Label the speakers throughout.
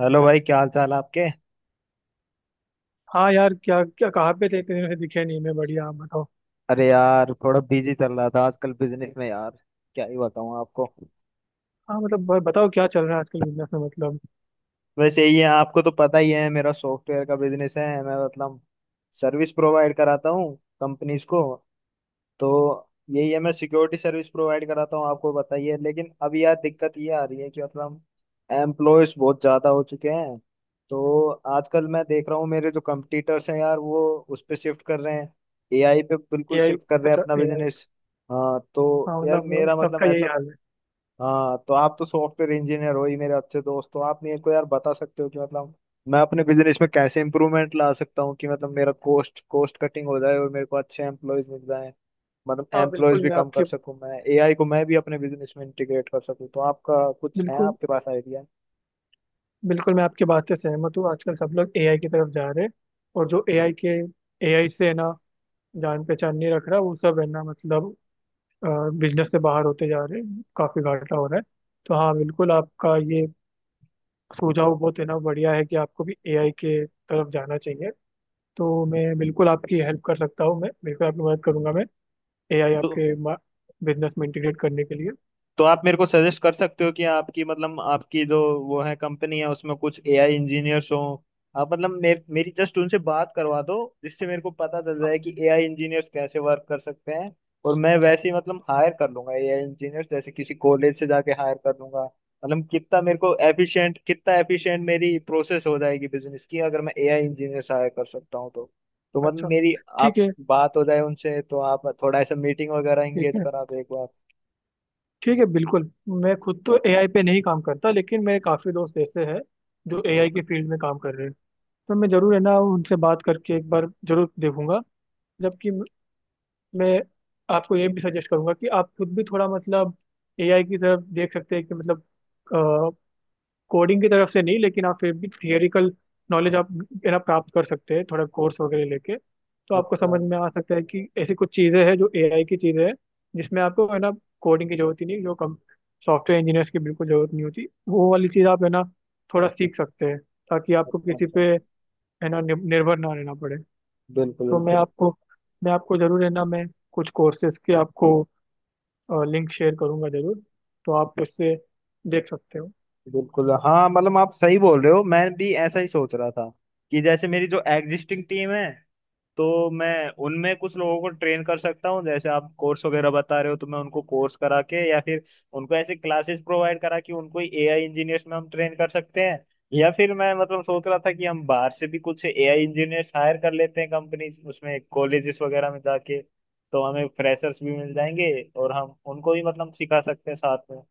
Speaker 1: Hello भाई, क्या हाल चाल है आपके।
Speaker 2: हाँ यार। क्या क्या, कहाँ पे थे इतने दिनों से दिखे नहीं? मैं बढ़िया, आप बताओ।
Speaker 1: अरे यार, थोड़ा बिजी चल रहा था आजकल बिजनेस में यार। क्या ही बताऊं आपको।
Speaker 2: हाँ मतलब, बताओ क्या चल रहा है आजकल बिजनेस में, मतलब।
Speaker 1: वैसे ही है, आपको तो पता ही है, मेरा सॉफ्टवेयर का बिजनेस है, मैं मतलब सर्विस प्रोवाइड कराता हूँ कंपनीज को। तो यही है, मैं सिक्योरिटी सर्विस प्रोवाइड कराता हूँ। आपको बताइए, लेकिन अब यार दिक्कत ये आ रही है कि मतलब एम्प्लॉयज बहुत ज़्यादा हो चुके हैं। तो आजकल मैं देख रहा हूँ मेरे जो कंपटीटर्स हैं यार, वो उस पे शिफ्ट कर रहे हैं, एआई पे बिल्कुल
Speaker 2: एआई?
Speaker 1: शिफ्ट कर रहे हैं
Speaker 2: अच्छा,
Speaker 1: अपना
Speaker 2: एआई।
Speaker 1: बिजनेस। हाँ, तो
Speaker 2: हाँ
Speaker 1: यार
Speaker 2: मतलब
Speaker 1: मेरा मतलब
Speaker 2: सबका यही
Speaker 1: ऐसा।
Speaker 2: हाल है।
Speaker 1: हाँ, तो आप तो सॉफ्टवेयर इंजीनियर हो ही, मेरे अच्छे दोस्त हो, आप मेरे को यार बता सकते हो कि मतलब मैं अपने बिजनेस में कैसे इंप्रूवमेंट ला सकता हूँ, कि मतलब मेरा कॉस्ट कॉस्ट कटिंग हो जाए और मेरे को अच्छे एम्प्लॉयज मिल जाए। मतलब
Speaker 2: हाँ बिल्कुल,
Speaker 1: एम्प्लॉयज भी
Speaker 2: मैं
Speaker 1: कम कर
Speaker 2: आपके
Speaker 1: सकूँ, मैं एआई को मैं भी अपने बिजनेस में इंटीग्रेट कर सकूँ, तो आपका कुछ है
Speaker 2: बिल्कुल,
Speaker 1: आपके पास आइडिया।
Speaker 2: बिल्कुल, मैं आपकी बात से सहमत हूँ। आजकल सब लोग एआई की तरफ जा रहे हैं, और जो एआई से है ना जान पहचान नहीं रख रहा, वो सब है ना, मतलब बिजनेस से बाहर होते जा रहे हैं, काफी घाटा हो रहा है। तो हाँ बिल्कुल, आपका ये सुझाव बहुत है ना बढ़िया है, कि आपको भी एआई के तरफ जाना चाहिए। तो मैं बिल्कुल आपकी हेल्प कर सकता हूँ, मैं बिल्कुल आपकी मदद करूंगा, मैं एआई
Speaker 1: तो
Speaker 2: आपके बिजनेस में इंटीग्रेट करने के लिए।
Speaker 1: तो आप मेरे को सजेस्ट कर सकते हो कि आपकी मतलब आपकी जो वो है, कंपनी है उसमें कुछ एआई इंजीनियर्स हो, आप मतलब मेरी जस्ट उनसे बात करवा दो, जिससे मेरे को पता चल जाए कि एआई इंजीनियर्स कैसे वर्क कर सकते हैं। और मैं वैसे ही मतलब हायर कर लूंगा एआई इंजीनियर्स, जैसे किसी कॉलेज से जाके हायर कर लूंगा। मतलब कितना मेरे को एफिशिएंट, कितना एफिशिएंट मेरी प्रोसेस हो जाएगी बिजनेस की, अगर मैं एआई इंजीनियर्स हायर कर सकता हूँ तो। तो मतलब
Speaker 2: अच्छा।
Speaker 1: मेरी आप
Speaker 2: ठीक है।
Speaker 1: बात हो जाए उनसे, तो आप थोड़ा ऐसा मीटिंग वगैरह
Speaker 2: ठीक
Speaker 1: एंगेज
Speaker 2: है।
Speaker 1: करा दो एक बार।
Speaker 2: ठीक है, बिल्कुल। मैं खुद तो एआई पे नहीं काम करता, लेकिन मेरे काफ़ी दोस्त ऐसे हैं जो एआई के फील्ड में काम कर रहे हैं। तो मैं ज़रूर है ना उनसे बात करके एक बार ज़रूर देखूंगा। जबकि मैं आपको ये भी सजेस्ट करूंगा कि आप खुद भी थोड़ा, मतलब, एआई की तरफ देख सकते हैं, कि मतलब कोडिंग की तरफ से नहीं, लेकिन आप फिर भी थियोरिकल नॉलेज आप है ना प्राप्त कर सकते हैं, थोड़ा कोर्स वगैरह लेके। तो आपको
Speaker 1: अच्छा
Speaker 2: समझ में आ सकता है कि ऐसी कुछ चीज़ें हैं जो एआई की चीज़ें हैं, जिसमें आपको है ना कोडिंग की जरूरत ही नहीं, जो कम सॉफ्टवेयर इंजीनियर्स की बिल्कुल जरूरत नहीं होती, वो वाली चीज़ आप है ना थोड़ा सीख सकते हैं, ताकि आपको
Speaker 1: अच्छा।
Speaker 2: किसी पे
Speaker 1: अच्छा।
Speaker 2: है ना निर्भर ना रहना पड़े।
Speaker 1: बिल्कुल
Speaker 2: तो मैं
Speaker 1: बिल्कुल।
Speaker 2: आपको मैं आपको जरूर है ना, मैं कुछ कोर्सेज के आपको लिंक शेयर करूंगा जरूर। तो आप उससे देख सकते हो।
Speaker 1: बिल्कुल हाँ, मतलब आप सही बोल रहे हो, मैं भी ऐसा ही सोच रहा था कि जैसे मेरी जो एग्जिस्टिंग टीम है, तो मैं उनमें कुछ लोगों को ट्रेन कर सकता हूँ। जैसे आप कोर्स वगैरह बता रहे हो, तो मैं उनको कोर्स करा के या फिर उनको ऐसे क्लासेस प्रोवाइड करा कि उनको एआई इंजीनियर्स में हम ट्रेन कर सकते हैं। या फिर मैं मतलब सोच रहा था कि हम बाहर से भी कुछ एआई इंजीनियर्स हायर कर लेते हैं कंपनी उसमें, कॉलेजेस वगैरह में जाके, तो हमें फ्रेशर्स भी मिल जाएंगे, और हम उनको भी मतलब सिखा सकते हैं साथ में।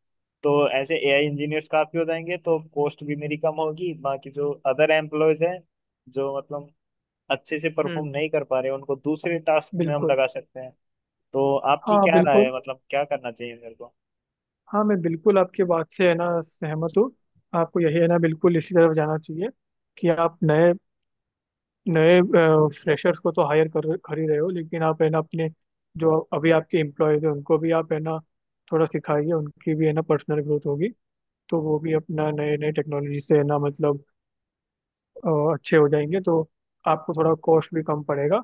Speaker 1: तो ऐसे एआई इंजीनियर्स काफी हो जाएंगे, तो कॉस्ट भी मेरी कम होगी। बाकी जो अदर एम्प्लॉयज हैं, जो मतलब अच्छे से
Speaker 2: हम्म।
Speaker 1: परफॉर्म नहीं कर पा रहे, उनको दूसरे टास्क में हम
Speaker 2: बिल्कुल।
Speaker 1: लगा सकते हैं। तो आपकी
Speaker 2: हाँ,
Speaker 1: क्या राय
Speaker 2: बिल्कुल।
Speaker 1: है, मतलब क्या करना चाहिए मेरे को।
Speaker 2: हाँ, मैं बिल्कुल आपके बात से है ना सहमत हूँ। आपको यही है ना बिल्कुल इसी तरफ जाना चाहिए, कि आप नए नए फ्रेशर्स को तो हायर कर कर ही रहे हो, लेकिन आप है ना अपने, जो अभी आपके एम्प्लॉयज हैं उनको भी आप है ना थोड़ा सिखाइए, उनकी भी है ना पर्सनल ग्रोथ होगी। तो वो भी अपना नए नए टेक्नोलॉजी से है ना, मतलब अ, अच्छे हो जाएंगे, तो आपको थोड़ा कॉस्ट भी कम पड़ेगा,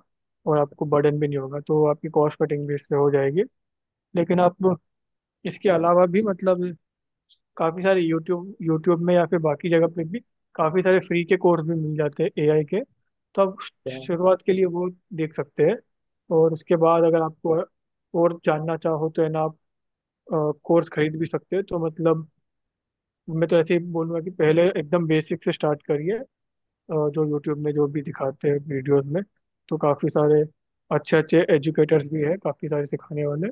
Speaker 2: और आपको बर्डन भी नहीं होगा, तो आपकी कॉस्ट कटिंग भी इससे हो जाएगी। लेकिन आप इसके अलावा भी, मतलब, काफ़ी सारे यूट्यूब यूट्यूब में या फिर बाकी जगह पे भी काफ़ी सारे फ्री के कोर्स भी मिल जाते हैं एआई के। तो आप
Speaker 1: हाँ,
Speaker 2: शुरुआत के लिए वो देख सकते हैं। और उसके बाद अगर आपको और जानना चाहो, तो है ना आप कोर्स खरीद भी सकते हैं, तो मतलब, मैं तो ऐसे ही बोलूँगा कि पहले एकदम बेसिक से स्टार्ट करिए। जो यूट्यूब में जो भी दिखाते हैं वीडियोस में, तो काफ़ी सारे अच्छे अच्छे एजुकेटर्स भी हैं, काफ़ी सारे सिखाने वाले।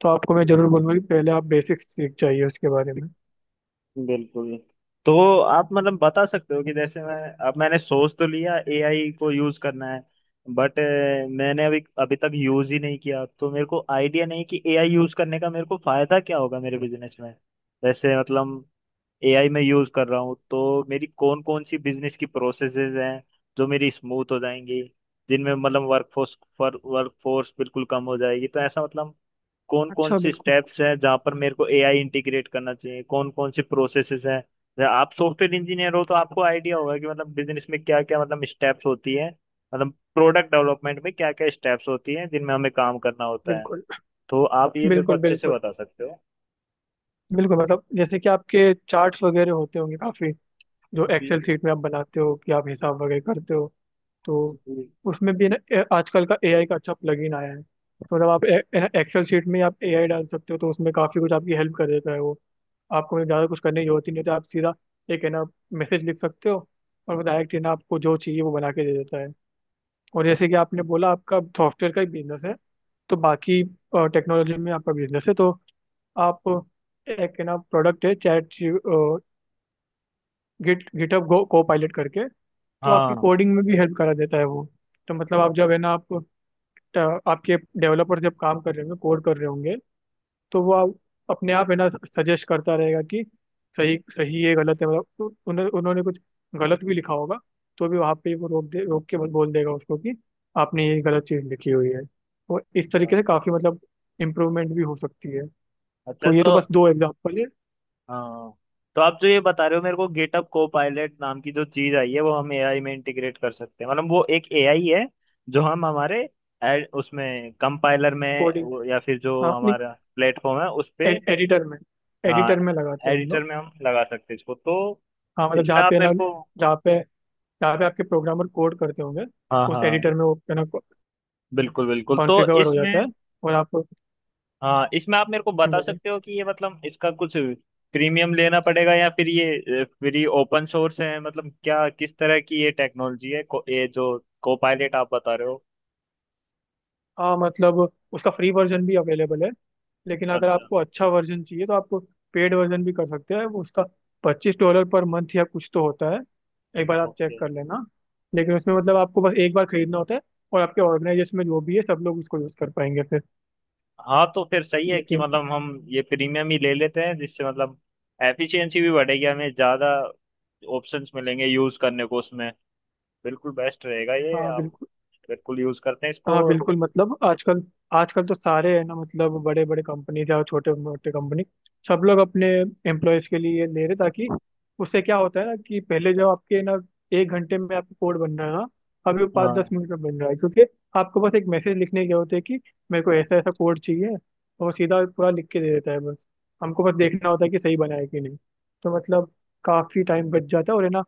Speaker 2: तो आपको मैं ज़रूर बोलूँगा कि पहले आप बेसिक्स सीख जाइए उसके बारे में।
Speaker 1: बिल्कुल। तो आप मतलब बता सकते हो कि जैसे मैं अब मैंने सोच तो लिया एआई को यूज करना है, बट मैंने अभी अभी तक यूज ही नहीं किया, तो मेरे को आइडिया नहीं कि एआई यूज करने का मेरे को फायदा क्या होगा मेरे बिजनेस में। जैसे मतलब एआई में यूज कर रहा हूँ, तो मेरी कौन कौन सी बिजनेस की प्रोसेसेस हैं जो मेरी स्मूथ हो जाएंगी, जिनमें मतलब वर्कफोर्स पर वर्कफोर्स बिल्कुल कम हो जाएगी। तो ऐसा मतलब कौन कौन
Speaker 2: अच्छा।
Speaker 1: सी
Speaker 2: बिल्कुल।
Speaker 1: स्टेप्स हैं जहाँ पर मेरे को एआई इंटीग्रेट करना चाहिए, कौन कौन सी प्रोसेसेस हैं। जैसे आप सॉफ्टवेयर इंजीनियर हो, तो आपको आइडिया होगा कि मतलब बिजनेस में क्या क्या मतलब स्टेप्स होती है, मतलब प्रोडक्ट डेवलपमेंट में क्या क्या स्टेप्स होती हैं जिनमें हमें काम करना होता है।
Speaker 2: बिल्कुल,
Speaker 1: तो आप ये मेरे को
Speaker 2: बिल्कुल,
Speaker 1: अच्छे से
Speaker 2: बिल्कुल,
Speaker 1: बता सकते हो।
Speaker 2: बिल्कुल, मतलब जैसे कि आपके चार्ट्स वगैरह होते होंगे काफी, जो
Speaker 1: जी
Speaker 2: एक्सेल
Speaker 1: जी।
Speaker 2: सीट में आप बनाते हो कि आप हिसाब वगैरह करते हो। तो
Speaker 1: जी।
Speaker 2: उसमें भी ना, आजकल का एआई का अच्छा प्लगइन आया है, तो मतलब आप एक्सेल शीट में आप एआई डाल सकते हो, तो उसमें काफी कुछ आपकी हेल्प कर देता है वो। आपको मतलब ज्यादा कुछ करने की जरूरत ही नहीं होती, आप सीधा एक है ना मैसेज लिख सकते हो, और वो डायरेक्ट है ना आपको जो चाहिए वो बना के दे देता है। और जैसे कि आपने बोला आपका सॉफ्टवेयर का ही बिजनेस है, तो बाकी टेक्नोलॉजी में आपका बिजनेस है, तो आप एक है ना प्रोडक्ट है चैट गिट गिटहब गो को पायलट करके, तो आपकी
Speaker 1: हाँ।
Speaker 2: कोडिंग में भी हेल्प करा देता है वो। तो मतलब आप जब है ना आप, आपके डेवलपर जब काम कर रहे होंगे, कोड कर रहे होंगे, तो वो आप अपने आप है ना सजेस्ट करता रहेगा कि सही सही है, गलत है, मतलब। तो उन्होंने उन्होंने कुछ गलत भी लिखा होगा, तो भी वहाँ पे वो, रोक के बोल देगा उसको कि आपने ये गलत चीज़ लिखी हुई है, तो इस तरीके से काफ़ी, मतलब, इम्प्रूवमेंट भी हो सकती है।
Speaker 1: अच्छा।
Speaker 2: तो ये तो
Speaker 1: तो
Speaker 2: बस दो एग्जाम्पल है।
Speaker 1: हाँ, तो आप जो ये बता रहे हो मेरे को गेटअप को पायलट नाम की जो चीज आई है, वो हम एआई में इंटीग्रेट कर सकते हैं, मतलब वो एक एआई है जो हम हमारे उसमें कंपाइलर में
Speaker 2: कोडिंग।
Speaker 1: या फिर जो
Speaker 2: हाँ।
Speaker 1: हमारा प्लेटफॉर्म है उस
Speaker 2: ए,
Speaker 1: पे।
Speaker 2: एडिटर में
Speaker 1: हाँ,
Speaker 2: एडिटर में लगाते हैं हम
Speaker 1: एडिटर
Speaker 2: लोग।
Speaker 1: में हम लगा सकते हैं इसको, तो
Speaker 2: हाँ मतलब
Speaker 1: इसमें
Speaker 2: जहाँ
Speaker 1: आप
Speaker 2: पे
Speaker 1: मेरे
Speaker 2: ना
Speaker 1: को।
Speaker 2: जहाँ पे जहाँ पे आपके प्रोग्रामर कोड करते होंगे,
Speaker 1: हाँ
Speaker 2: उस
Speaker 1: हाँ,
Speaker 2: एडिटर में वो है ना
Speaker 1: बिल्कुल बिल्कुल, तो
Speaker 2: कॉन्फ़िगर हो जाता
Speaker 1: इसमें
Speaker 2: है। और आप...
Speaker 1: हाँ इसमें आप मेरे को बता
Speaker 2: बोलिए।
Speaker 1: सकते हो कि ये मतलब इसका कुछ प्रीमियम लेना पड़ेगा या फिर ये फ्री ओपन सोर्स है, मतलब क्या किस तरह की ये टेक्नोलॉजी है ये जो को पायलट आप बता रहे हो।
Speaker 2: हाँ मतलब उसका फ्री वर्जन भी अवेलेबल है, लेकिन अगर
Speaker 1: अच्छा।
Speaker 2: आपको अच्छा वर्जन चाहिए, तो आपको पेड वर्जन भी कर सकते हैं वो उसका। $25 पर मंथ या कुछ तो होता है। एक बार आप
Speaker 1: ओके।
Speaker 2: चेक कर लेना। लेकिन उसमें, मतलब, आपको बस एक बार खरीदना होता है, और आपके ऑर्गेनाइजेशन में जो भी है सब लोग उसको यूज़ कर पाएंगे फिर।
Speaker 1: हाँ, तो फिर सही है कि
Speaker 2: लेकिन...
Speaker 1: मतलब हम ये प्रीमियम ही ले लेते हैं, जिससे मतलब एफिशिएंसी भी बढ़ेगी, हमें ज़्यादा ऑप्शंस मिलेंगे यूज़ करने को उसमें, बिल्कुल बेस्ट रहेगा, ये
Speaker 2: हाँ
Speaker 1: हम
Speaker 2: बिल्कुल।
Speaker 1: बिल्कुल यूज़ करते हैं इसको।
Speaker 2: हाँ बिल्कुल, मतलब, आजकल आजकल तो सारे है ना, मतलब, बड़े बड़े कंपनी या छोटे मोटे कंपनी, सब लोग अपने एम्प्लॉयज के लिए ले रहे, ताकि उससे क्या होता है ना कि पहले जो आपके ना 1 घंटे में आपका कोड बन रहा है ना, अभी वो पाँच दस
Speaker 1: हाँ
Speaker 2: मिनट में बन रहा है, क्योंकि आपको बस एक मैसेज लिखने की जरूरत है कि मेरे को ऐसा ऐसा कोड चाहिए, और वो सीधा पूरा लिख के दे देता है। बस हमको बस देखना होता है कि सही बना है कि नहीं, तो मतलब काफी टाइम बच जाता है, और है ना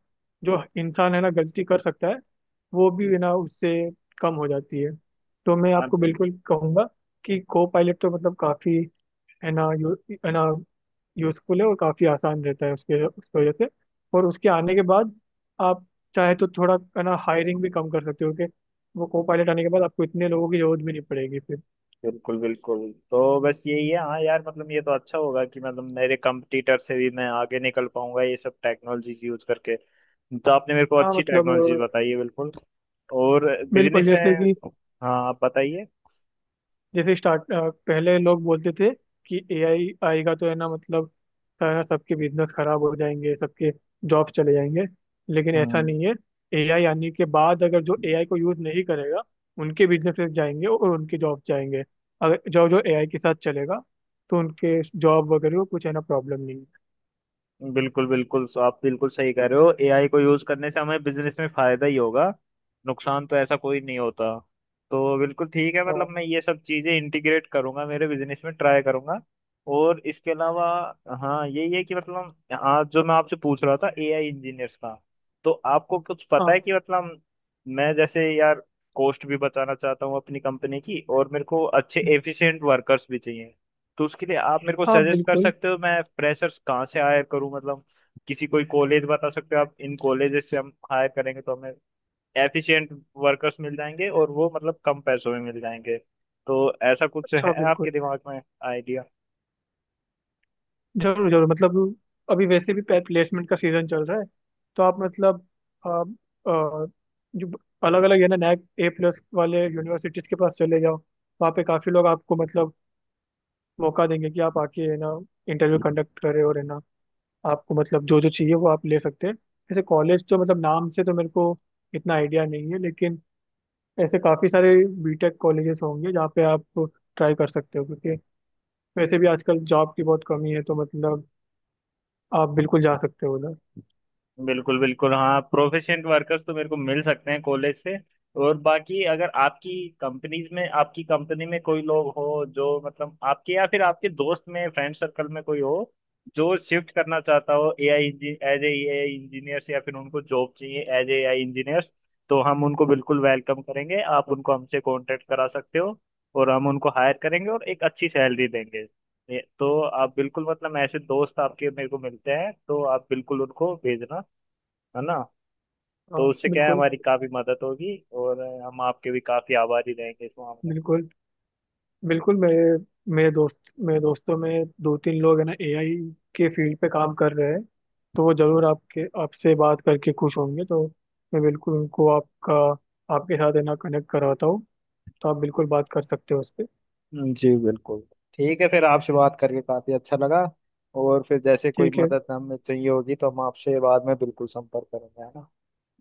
Speaker 2: जो इंसान है ना गलती कर सकता है, वो भी है ना उससे कम हो जाती है। तो मैं
Speaker 1: हाँ
Speaker 2: आपको बिल्कुल कहूंगा कि को पायलट तो, मतलब, काफ़ी है ना, यू है ना यूजफुल है, और काफ़ी आसान रहता है उसके उसकी वजह से। और उसके आने के बाद आप चाहे तो थोड़ा है ना हायरिंग भी कम कर सकते हो, कि वो को पायलट आने के बाद आपको इतने लोगों की जरूरत भी नहीं पड़ेगी फिर।
Speaker 1: बिल्कुल बिल्कुल। तो बस यही है हाँ यार, मतलब ये तो अच्छा होगा कि मतलब मेरे कंपटीटर से भी मैं आगे निकल पाऊंगा ये सब टेक्नोलॉजीज यूज करके। तो आपने मेरे को
Speaker 2: हाँ
Speaker 1: अच्छी
Speaker 2: मतलब,
Speaker 1: टेक्नोलॉजी बताई है बिल्कुल। और
Speaker 2: बिल्कुल।
Speaker 1: बिजनेस में। हाँ, आप बताइए।
Speaker 2: जैसे स्टार्ट पहले लोग बोलते थे कि एआई आएगा तो है ना, मतलब, सारा सबके बिजनेस खराब हो जाएंगे, सबके जॉब चले जाएंगे, लेकिन ऐसा
Speaker 1: हम्म,
Speaker 2: नहीं है। एआई आने के बाद अगर जो एआई को यूज नहीं करेगा, उनके बिजनेसेस जाएंगे और उनके जॉब जाएंगे। अगर जो जो एआई के साथ चलेगा, तो उनके जॉब वगैरह को कुछ है ना प्रॉब्लम नहीं है।
Speaker 1: बिल्कुल बिल्कुल। सो आप बिल्कुल सही कह रहे हो, एआई को यूज करने से हमें बिजनेस में फायदा ही होगा, नुकसान तो ऐसा कोई नहीं होता। तो बिल्कुल ठीक है, मतलब
Speaker 2: और...
Speaker 1: मैं ये सब चीजें इंटीग्रेट करूंगा मेरे बिजनेस में, ट्राई करूंगा। और इसके अलावा हाँ यही है कि मतलब आज जो मैं आपसे पूछ रहा था एआई इंजीनियर्स का, तो आपको कुछ पता
Speaker 2: हाँ।
Speaker 1: है कि मतलब मैं जैसे यार कॉस्ट भी बचाना चाहता हूँ अपनी कंपनी की, और मेरे को अच्छे एफिशिएंट वर्कर्स भी चाहिए। तो उसके लिए आप मेरे को
Speaker 2: हाँ
Speaker 1: सजेस्ट कर
Speaker 2: बिल्कुल।
Speaker 1: सकते हो, मैं फ्रेशर्स कहाँ से हायर करूँ, मतलब किसी कोई कॉलेज बता सकते हो आप, इन कॉलेजेस से हम हायर करेंगे तो हमें एफिशिएंट वर्कर्स मिल जाएंगे, और वो मतलब कम पैसों में मिल जाएंगे। तो ऐसा कुछ
Speaker 2: अच्छा,
Speaker 1: है आपके
Speaker 2: बिल्कुल।
Speaker 1: दिमाग में।
Speaker 2: जरूर, जरूर, मतलब अभी वैसे भी प्लेसमेंट का सीजन चल रहा है, तो आप, मतलब, आ, आ, जो अलग अलग है ना NAAC A+ वाले यूनिवर्सिटीज के पास चले जाओ, वहाँ पे काफी लोग आपको, मतलब, मौका देंगे कि आप आके है ना इंटरव्यू कंडक्ट करें, और है ना आपको, मतलब, जो जो चाहिए वो आप ले सकते हैं। ऐसे कॉलेज तो, मतलब, नाम से तो मेरे को इतना आइडिया नहीं है, लेकिन ऐसे काफी सारे बीटेक कॉलेजेस होंगे जहाँ पे आप ट्राई कर सकते हो, क्योंकि वैसे भी आजकल जॉब की बहुत कमी है, तो मतलब आप बिल्कुल जा सकते हो।
Speaker 1: बिल्कुल बिल्कुल, हाँ प्रोफिशिएंट वर्कर्स तो मेरे को मिल सकते हैं कॉलेज से। और बाकी अगर आपकी कंपनीज में, आपकी कंपनी में कोई लोग हो, जो मतलब आपके या फिर आपके दोस्त में फ्रेंड सर्कल में कोई हो जो शिफ्ट करना चाहता हो AI as a AI engineers, या फिर उनको जॉब चाहिए एज ए एआई इंजीनियर्स, तो हम उनको बिल्कुल वेलकम करेंगे, आप उनको हमसे कांटेक्ट करा सकते हो, और हम उनको हायर करेंगे और एक अच्छी सैलरी देंगे। तो आप बिल्कुल मतलब ऐसे दोस्त आपके मेरे को मिलते हैं तो आप बिल्कुल उनको भेजना, है ना।
Speaker 2: हाँ
Speaker 1: तो उससे क्या है,
Speaker 2: बिल्कुल।
Speaker 1: हमारी काफी मदद होगी, और हम आपके भी काफी आभारी रहेंगे इस मामले में।
Speaker 2: बिल्कुल। बिल्कुल मेरे मेरे दोस्त मेरे दोस्तों में दो तीन लोग है ना एआई के फील्ड पे काम कर रहे हैं, तो वो जरूर आपके आपसे बात करके खुश होंगे, तो मैं बिल्कुल उनको आपका आपके साथ है ना कनेक्ट करवाता हूँ, तो आप बिल्कुल बात कर सकते हो उससे।
Speaker 1: जी बिल्कुल। ठीक है, फिर आपसे बात करके काफी अच्छा लगा, और फिर जैसे कोई
Speaker 2: ठीक है।
Speaker 1: मदद हमें चाहिए होगी तो हम आपसे बाद में बिल्कुल संपर्क करेंगे, है ना।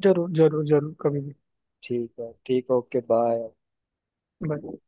Speaker 2: जरूर, जरूर, जरूर, कभी भी।
Speaker 1: ठीक है, ठीक, ओके बाय।
Speaker 2: Bye.